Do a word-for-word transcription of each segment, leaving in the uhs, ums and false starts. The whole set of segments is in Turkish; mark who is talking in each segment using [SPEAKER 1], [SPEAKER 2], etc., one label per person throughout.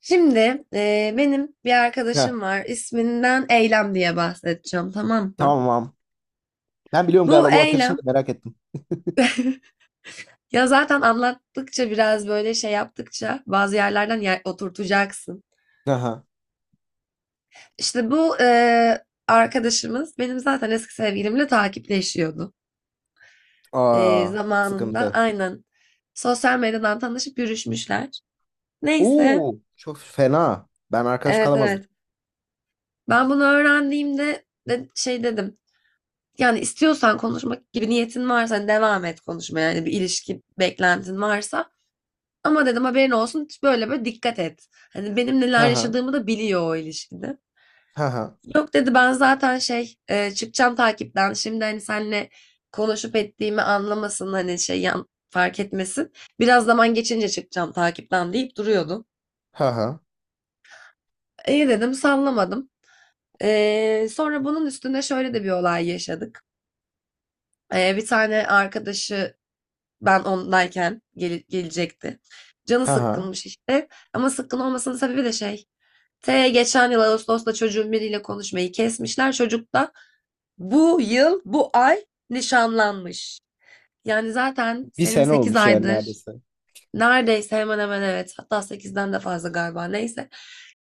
[SPEAKER 1] Şimdi eee, benim bir
[SPEAKER 2] Heh,
[SPEAKER 1] arkadaşım var. İsminden Eylem diye bahsedeceğim, tamam mı?
[SPEAKER 2] tamam. Tamam. Ben biliyorum
[SPEAKER 1] Bu
[SPEAKER 2] galiba bu arkadaşını da
[SPEAKER 1] Eylem
[SPEAKER 2] merak ettim.
[SPEAKER 1] ya zaten anlattıkça biraz böyle şey yaptıkça bazı yerlerden yer oturtacaksın.
[SPEAKER 2] Aha.
[SPEAKER 1] İşte bu eee, arkadaşımız benim zaten eski sevgilimle takipleşiyordu. Eee,
[SPEAKER 2] Aa,
[SPEAKER 1] zamanında
[SPEAKER 2] sıkıntı.
[SPEAKER 1] aynen sosyal medyadan tanışıp yürüşmüşler. Neyse,
[SPEAKER 2] Oo, çok fena. Ben arkadaş
[SPEAKER 1] evet
[SPEAKER 2] kalamazdım.
[SPEAKER 1] evet. Ben bunu öğrendiğimde de, şey dedim. Yani istiyorsan konuşmak gibi niyetin varsa hani devam et konuşmaya. Yani bir ilişki beklentin varsa. Ama dedim haberin olsun böyle böyle dikkat et. Hani benim neler
[SPEAKER 2] Haha.
[SPEAKER 1] yaşadığımı da biliyor o ilişkide.
[SPEAKER 2] Haha.
[SPEAKER 1] Yok dedi ben zaten şey e, çıkacağım takipten. Şimdi hani seninle konuşup ettiğimi anlamasın hani şey yan, fark etmesin. Biraz zaman geçince çıkacağım takipten deyip duruyordu.
[SPEAKER 2] Haha.
[SPEAKER 1] İyi dedim sallamadım. E, sonra bunun üstüne şöyle de bir olay yaşadık. E, bir tane arkadaşı ben ondayken gele- gelecekti. Canı
[SPEAKER 2] Haha.
[SPEAKER 1] sıkkınmış işte. Ama sıkkın olmasının sebebi de şey. T geçen yıl Ağustos'ta çocuğun biriyle konuşmayı kesmişler. Çocuk da bu yıl, bu ay nişanlanmış. Yani zaten
[SPEAKER 2] Bir
[SPEAKER 1] senin
[SPEAKER 2] sene
[SPEAKER 1] sekiz
[SPEAKER 2] olmuş yani
[SPEAKER 1] aydır
[SPEAKER 2] neredeyse.
[SPEAKER 1] neredeyse hemen hemen evet hatta sekizden de fazla galiba neyse.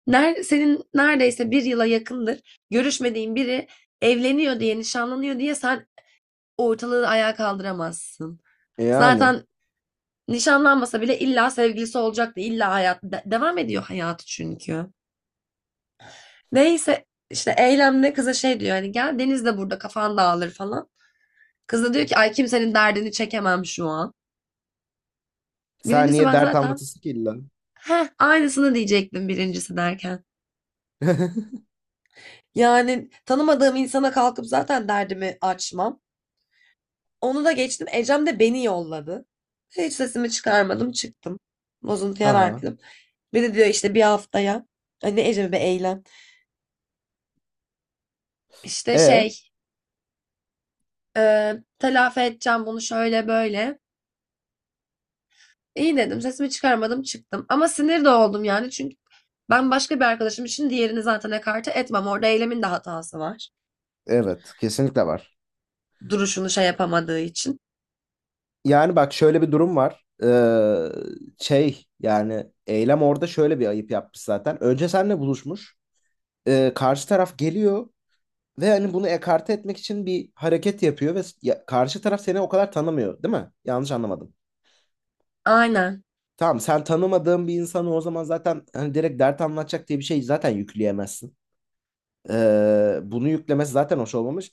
[SPEAKER 1] Ner senin neredeyse bir yıla yakındır görüşmediğin biri evleniyor diye nişanlanıyor diye sen ortalığı ayağa kaldıramazsın.
[SPEAKER 2] Yani.
[SPEAKER 1] Zaten nişanlanmasa bile illa sevgilisi olacaktı. İlla hayat de- devam ediyor hayatı çünkü. Neyse işte eylemde kıza şey diyor hani gel Deniz de burada kafan dağılır falan. Kız da diyor ki ay kimsenin derdini çekemem şu an.
[SPEAKER 2] Sen
[SPEAKER 1] Birincisi
[SPEAKER 2] niye
[SPEAKER 1] ben
[SPEAKER 2] dert
[SPEAKER 1] zaten
[SPEAKER 2] anlatırsın ki illa?
[SPEAKER 1] heh aynısını diyecektim birincisi derken. Yani tanımadığım insana kalkıp zaten derdimi açmam. Onu da geçtim. Ecem de beni yolladı. Hiç sesimi çıkarmadım çıktım. Bozuntuya
[SPEAKER 2] Haha.
[SPEAKER 1] verdim. Bir de diyor işte bir haftaya. Hani Ecem'e bir eylem. İşte
[SPEAKER 2] E,
[SPEAKER 1] şey Eee, telafi edeceğim bunu şöyle böyle. İyi dedim. Sesimi çıkarmadım çıktım. Ama sinir de oldum yani. Çünkü ben başka bir arkadaşım için diğerini zaten ekarte etmem. Orada eylemin de hatası var.
[SPEAKER 2] evet, kesinlikle var.
[SPEAKER 1] Duruşunu şey yapamadığı için.
[SPEAKER 2] Yani bak şöyle bir durum var. Ee, şey yani Eylem orada şöyle bir ayıp yapmış zaten. Önce seninle buluşmuş. Ee, karşı taraf geliyor. Ve hani bunu ekarte etmek için bir hareket yapıyor ve s- ya- karşı taraf seni o kadar tanımıyor, değil mi? Yanlış anlamadım.
[SPEAKER 1] Aynen.
[SPEAKER 2] Tamam, sen tanımadığın bir insanı o zaman zaten hani direkt dert anlatacak diye bir şey zaten yükleyemezsin. Ee, bunu yüklemesi zaten hoş olmamış.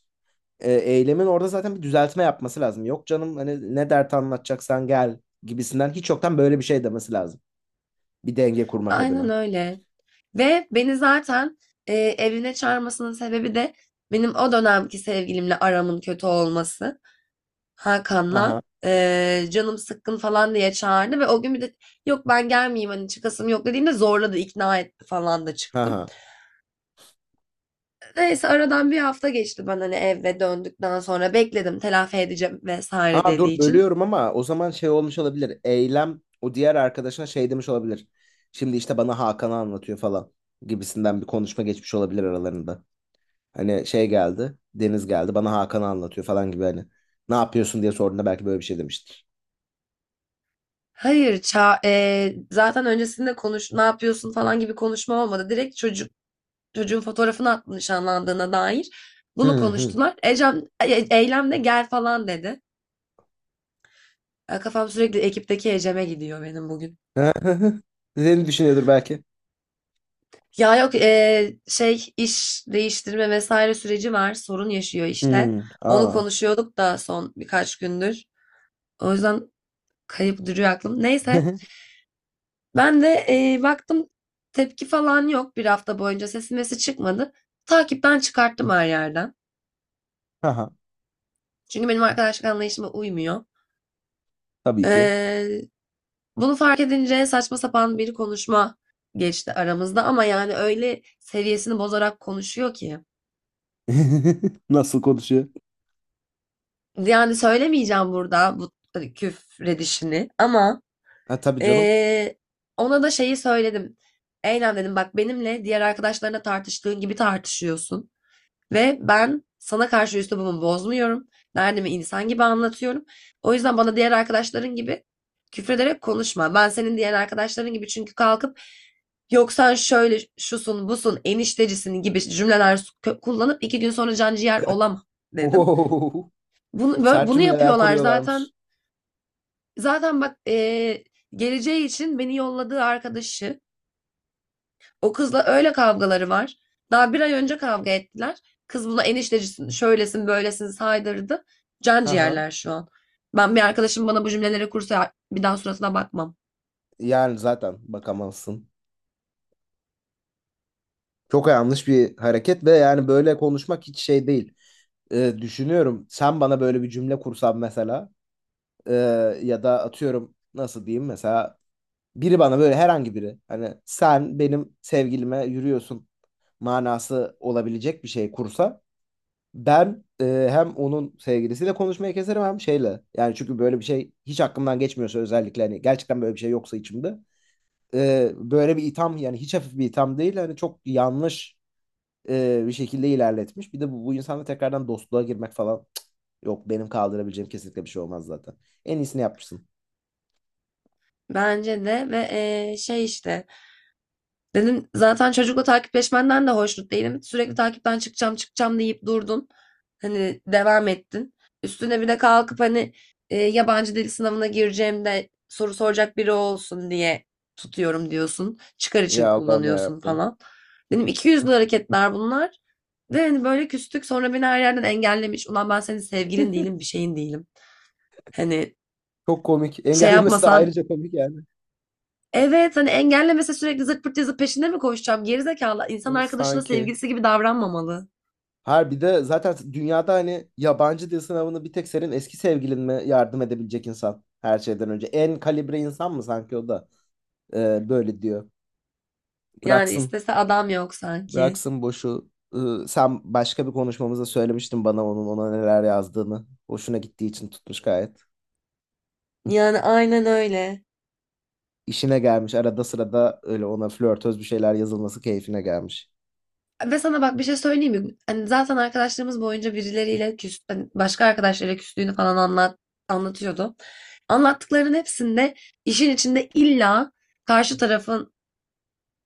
[SPEAKER 2] Ee, eylemin orada zaten bir düzeltme yapması lazım. Yok canım hani ne dert anlatacaksan gel gibisinden hiç yoktan böyle bir şey demesi lazım. Bir denge kurmak
[SPEAKER 1] Aynen
[SPEAKER 2] adına.
[SPEAKER 1] öyle. Ve beni zaten eee evine çağırmasının sebebi de benim o dönemki sevgilimle aramın kötü olması. Hakan'la.
[SPEAKER 2] Aha,
[SPEAKER 1] Eee, canım sıkkın falan diye çağırdı ve o gün bir de yok ben gelmeyeyim hani çıkasım yok dediğimde zorladı ikna etti falan da çıktım.
[SPEAKER 2] aha.
[SPEAKER 1] Neyse aradan bir hafta geçti ben hani eve döndükten sonra bekledim telafi edeceğim vesaire
[SPEAKER 2] Aa,
[SPEAKER 1] dediği
[SPEAKER 2] dur
[SPEAKER 1] için.
[SPEAKER 2] bölüyorum ama o zaman şey olmuş olabilir. Eylem o diğer arkadaşına şey demiş olabilir. Şimdi işte bana Hakan'ı anlatıyor falan gibisinden bir konuşma geçmiş olabilir aralarında. Hani şey geldi, Deniz geldi bana Hakan'ı anlatıyor falan gibi hani. Ne yapıyorsun diye sorduğunda belki böyle bir şey demiştir.
[SPEAKER 1] Hayır ça eee, zaten öncesinde konuş ne yapıyorsun falan gibi konuşma olmadı. Direkt çocuk çocuğun fotoğrafını attı nişanlandığına dair. Bunu
[SPEAKER 2] Hı hı.
[SPEAKER 1] konuştular. Ecem, E- Eylem de gel falan dedi. E, Kafam sürekli ekipteki Ecem'e gidiyor benim bugün.
[SPEAKER 2] Seni düşünüyordur belki.
[SPEAKER 1] Ya yok e, şey iş değiştirme vesaire süreci var. Sorun yaşıyor işte.
[SPEAKER 2] Hı.
[SPEAKER 1] Onu
[SPEAKER 2] Aa.
[SPEAKER 1] konuşuyorduk da son birkaç gündür. O yüzden kayıp duruyor aklım. Neyse ben de e, baktım tepki falan yok bir hafta boyunca sesi mesi çıkmadı. Takipten çıkarttım her yerden.
[SPEAKER 2] Aha,
[SPEAKER 1] Çünkü benim arkadaşlık anlayışıma uymuyor.
[SPEAKER 2] tabii ki.
[SPEAKER 1] Ee, Bunu fark edince saçma sapan bir konuşma geçti aramızda ama yani öyle seviyesini bozarak konuşuyor ki.
[SPEAKER 2] Nasıl konuşuyor?
[SPEAKER 1] Yani söylemeyeceğim burada bu hani, küfredişini ama
[SPEAKER 2] Ha, tabii canım.
[SPEAKER 1] eee, ona da şeyi söyledim. Eylem dedim bak benimle diğer arkadaşlarına tartıştığın gibi tartışıyorsun. Ve ben sana karşı üslubumu bozmuyorum. Derdimi insan gibi anlatıyorum. O yüzden bana diğer arkadaşların gibi küfrederek konuşma. Ben senin diğer arkadaşların gibi çünkü kalkıp yok sen şöyle şusun busun eniştecisin gibi cümleler kullanıp iki gün sonra can ciğer olamam dedim. Bunu,
[SPEAKER 2] Sert
[SPEAKER 1] bunu
[SPEAKER 2] cümleler
[SPEAKER 1] yapıyorlar
[SPEAKER 2] kuruyorlarmış.
[SPEAKER 1] zaten. Zaten bak eee, geleceği için beni yolladığı arkadaşı o kızla öyle kavgaları var. Daha bir ay önce kavga ettiler. Kız buna eniştecisin, şöylesin, böylesin saydırdı. Can
[SPEAKER 2] Ha.
[SPEAKER 1] ciğerler şu an. Ben bir arkadaşım bana bu cümleleri kursa bir daha suratına bakmam.
[SPEAKER 2] Yani zaten bakamazsın. Çok yanlış bir hareket ve yani böyle konuşmak hiç şey değil. Ee, düşünüyorum sen bana böyle bir cümle kursan mesela ee, ya da atıyorum nasıl diyeyim mesela biri bana böyle herhangi biri hani sen benim sevgilime yürüyorsun manası olabilecek bir şey kursa ben e, hem onun sevgilisiyle konuşmayı keserim hem şeyle. Yani çünkü böyle bir şey hiç aklımdan geçmiyorsa özellikle hani gerçekten böyle bir şey yoksa içimde e, böyle bir itham, yani hiç hafif bir itham değil, hani çok yanlış e, bir şekilde ilerletmiş. Bir de bu, bu insanla tekrardan dostluğa girmek falan, cık, yok, benim kaldırabileceğim kesinlikle bir şey olmaz zaten. En iyisini yapmışsın.
[SPEAKER 1] Bence de ve eee, şey işte dedim zaten çocukla takipleşmenden de hoşnut değilim. Sürekli takipten çıkacağım çıkacağım deyip durdun. Hani devam ettin. Üstüne bir de kalkıp hani e, yabancı dil sınavına gireceğim de soru soracak biri olsun diye tutuyorum diyorsun. Çıkar için
[SPEAKER 2] Ya Allah'ım ya
[SPEAKER 1] kullanıyorsun
[SPEAKER 2] Rabbim.
[SPEAKER 1] falan. Benim iki yüzlü hareketler bunlar. Ve hani böyle küstük sonra beni her yerden engellemiş. Ulan ben senin sevgilin değilim bir şeyin değilim. Hani
[SPEAKER 2] Çok komik.
[SPEAKER 1] şey
[SPEAKER 2] Engellemesi de
[SPEAKER 1] yapmasan
[SPEAKER 2] ayrıca komik yani.
[SPEAKER 1] evet hani engellemese sürekli zırt pırt yazıp peşinde mi koşacağım? Gerizekalı. İnsan
[SPEAKER 2] Evet,
[SPEAKER 1] arkadaşına
[SPEAKER 2] sanki.
[SPEAKER 1] sevgilisi gibi davranmamalı.
[SPEAKER 2] Harbi de zaten dünyada hani yabancı dil sınavını bir tek senin eski sevgilin mi yardım edebilecek insan her şeyden önce. En kalibre insan mı sanki o da e, böyle diyor.
[SPEAKER 1] Yani
[SPEAKER 2] Bıraksın.
[SPEAKER 1] istese adam yok sanki.
[SPEAKER 2] Bıraksın boşu. Iı, sen başka bir konuşmamızda söylemiştin bana onun ona neler yazdığını. Hoşuna gittiği için tutmuş gayet.
[SPEAKER 1] Yani aynen öyle.
[SPEAKER 2] İşine gelmiş. Arada sırada öyle ona flörtöz bir şeyler yazılması keyfine gelmiş.
[SPEAKER 1] Ve sana bak bir şey söyleyeyim mi? Hani zaten arkadaşlarımız boyunca birileriyle küs, hani başka arkadaşlarıyla küstüğünü falan anlat, anlatıyordu. Anlattıklarının hepsinde işin içinde illa karşı tarafın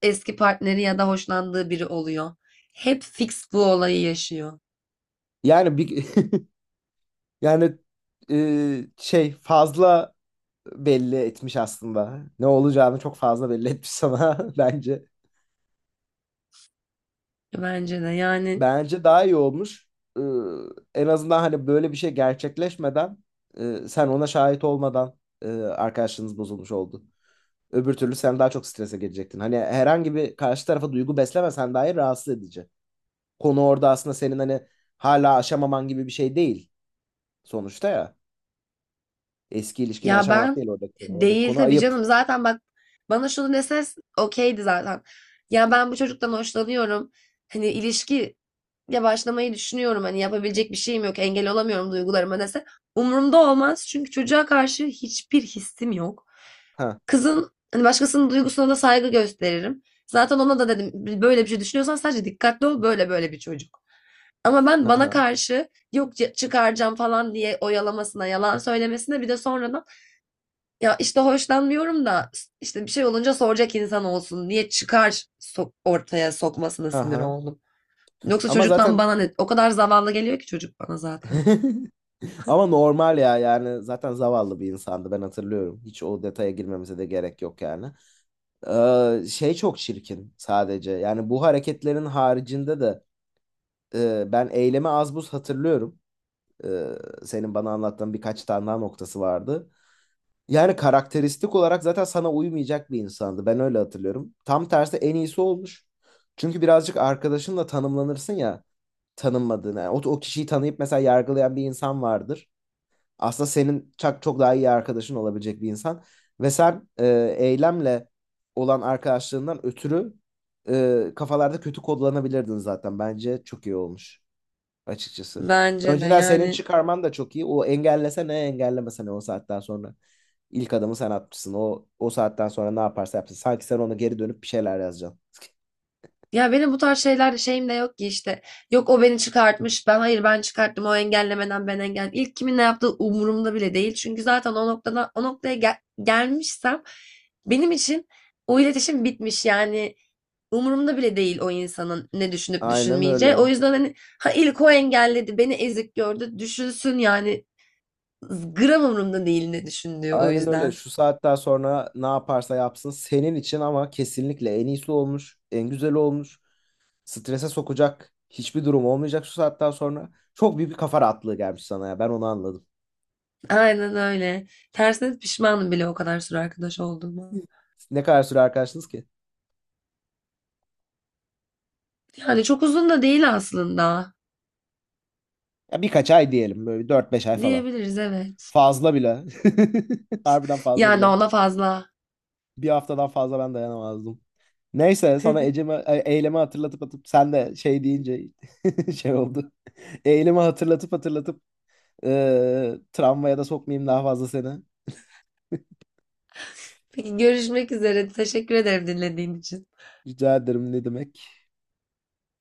[SPEAKER 1] eski partneri ya da hoşlandığı biri oluyor. Hep fix bu olayı yaşıyor.
[SPEAKER 2] Yani bir yani ıı, şey fazla belli etmiş aslında. Ne olacağını çok fazla belli etmiş sana bence.
[SPEAKER 1] Bence de yani
[SPEAKER 2] Bence daha iyi olmuş. Iı, En azından hani böyle bir şey gerçekleşmeden ıı, sen ona şahit olmadan ıı, arkadaşlığınız bozulmuş oldu. Öbür türlü sen daha çok strese girecektin. Hani herhangi bir karşı tarafa duygu beslemesen dahi rahatsız edici. Konu orada aslında senin hani hala aşamaman gibi bir şey değil sonuçta ya. Eski ilişkini
[SPEAKER 1] ya
[SPEAKER 2] aşamamak
[SPEAKER 1] ben
[SPEAKER 2] değil oradaki konu. Oradaki
[SPEAKER 1] değil
[SPEAKER 2] konu
[SPEAKER 1] tabii
[SPEAKER 2] ayıp.
[SPEAKER 1] canım zaten bak bana şunu dese okeydi zaten. Ya ben bu çocuktan hoşlanıyorum. Hani ilişki ya başlamayı düşünüyorum. Hani yapabilecek bir şeyim yok. Engel olamıyorum duygularıma dese. Umurumda olmaz. Çünkü çocuğa karşı hiçbir hissim yok.
[SPEAKER 2] Ha
[SPEAKER 1] Kızın hani başkasının duygusuna da saygı gösteririm. Zaten ona da dedim böyle bir şey düşünüyorsan sadece dikkatli ol böyle böyle bir çocuk. Ama ben
[SPEAKER 2] ha ha
[SPEAKER 1] bana karşı yok c- çıkaracağım falan diye oyalamasına, yalan söylemesine bir de sonradan ya işte hoşlanmıyorum da işte bir şey olunca soracak insan olsun diye çıkar so- ortaya sokmasına
[SPEAKER 2] ha.
[SPEAKER 1] sinir
[SPEAKER 2] Ha.
[SPEAKER 1] oldum. Yoksa
[SPEAKER 2] Ama
[SPEAKER 1] çocuktan
[SPEAKER 2] zaten
[SPEAKER 1] bana ne? O kadar zavallı geliyor ki çocuk bana zaten.
[SPEAKER 2] ama normal ya, yani zaten zavallı bir insandı ben hatırlıyorum. Hiç o detaya girmemize de gerek yok yani. Ee, şey çok çirkin sadece. Yani bu hareketlerin haricinde de e, ben Eylemi az buz hatırlıyorum. Ee, Senin bana anlattığın birkaç tane daha noktası vardı. Yani karakteristik olarak zaten sana uymayacak bir insandı. Ben öyle hatırlıyorum. Tam tersi en iyisi olmuş. Çünkü birazcık arkadaşınla tanımlanırsın ya, tanınmadığını. Yani o, o kişiyi tanıyıp mesela yargılayan bir insan vardır. Aslında senin çok, çok daha iyi arkadaşın olabilecek bir insan. Ve sen e, Eylemle olan arkadaşlığından ötürü e, kafalarda kötü kodlanabilirdin zaten. Bence çok iyi olmuş açıkçası.
[SPEAKER 1] Bence de
[SPEAKER 2] Önceden senin
[SPEAKER 1] yani
[SPEAKER 2] çıkarman da çok iyi. O engellese ne, engellemese ne o saatten sonra. İlk adımı sen atmışsın. O, o saatten sonra ne yaparsa yapsın. Sanki sen ona geri dönüp bir şeyler yazacaksın.
[SPEAKER 1] ya benim bu tarz şeyler şeyim de yok ki işte. Yok o beni çıkartmış. Ben hayır ben çıkarttım. O engellemeden ben engel. İlk kimin ne yaptığı umurumda bile değil. Çünkü zaten o noktada o noktaya gel- gelmişsem benim için o iletişim bitmiş. Yani umurumda bile değil o insanın ne düşünüp
[SPEAKER 2] Aynen
[SPEAKER 1] düşünmeyeceği. O
[SPEAKER 2] öyle.
[SPEAKER 1] yüzden hani ha ilk o engelledi, beni ezik gördü. Düşünsün yani gram umurumda değil ne düşündüğü o
[SPEAKER 2] Aynen öyle.
[SPEAKER 1] yüzden.
[SPEAKER 2] Şu saatten sonra ne yaparsa yapsın senin için, ama kesinlikle en iyisi olmuş, en güzeli olmuş. Strese sokacak hiçbir durum olmayacak şu saatten sonra. Çok büyük bir kafa rahatlığı gelmiş sana ya. Ben onu anladım.
[SPEAKER 1] Aynen öyle. Tersine pişmanım bile o kadar süre arkadaş olduğuma.
[SPEAKER 2] Ne kadar süre arkadaşsınız ki?
[SPEAKER 1] Yani çok uzun da değil aslında.
[SPEAKER 2] Ya birkaç ay diyelim. Böyle dört beş ay falan.
[SPEAKER 1] Diyebiliriz evet.
[SPEAKER 2] Fazla bile. Harbiden fazla
[SPEAKER 1] Yani
[SPEAKER 2] bile.
[SPEAKER 1] ona fazla.
[SPEAKER 2] Bir haftadan fazla ben dayanamazdım. Neyse, sana
[SPEAKER 1] Peki
[SPEAKER 2] Ecem'e, e, Eylemi hatırlatıp atıp sen de şey deyince şey oldu. Eylemi hatırlatıp hatırlatıp e, travmaya da sokmayayım daha fazla seni.
[SPEAKER 1] görüşmek üzere. Teşekkür ederim dinlediğin için.
[SPEAKER 2] Rica ederim, ne demek.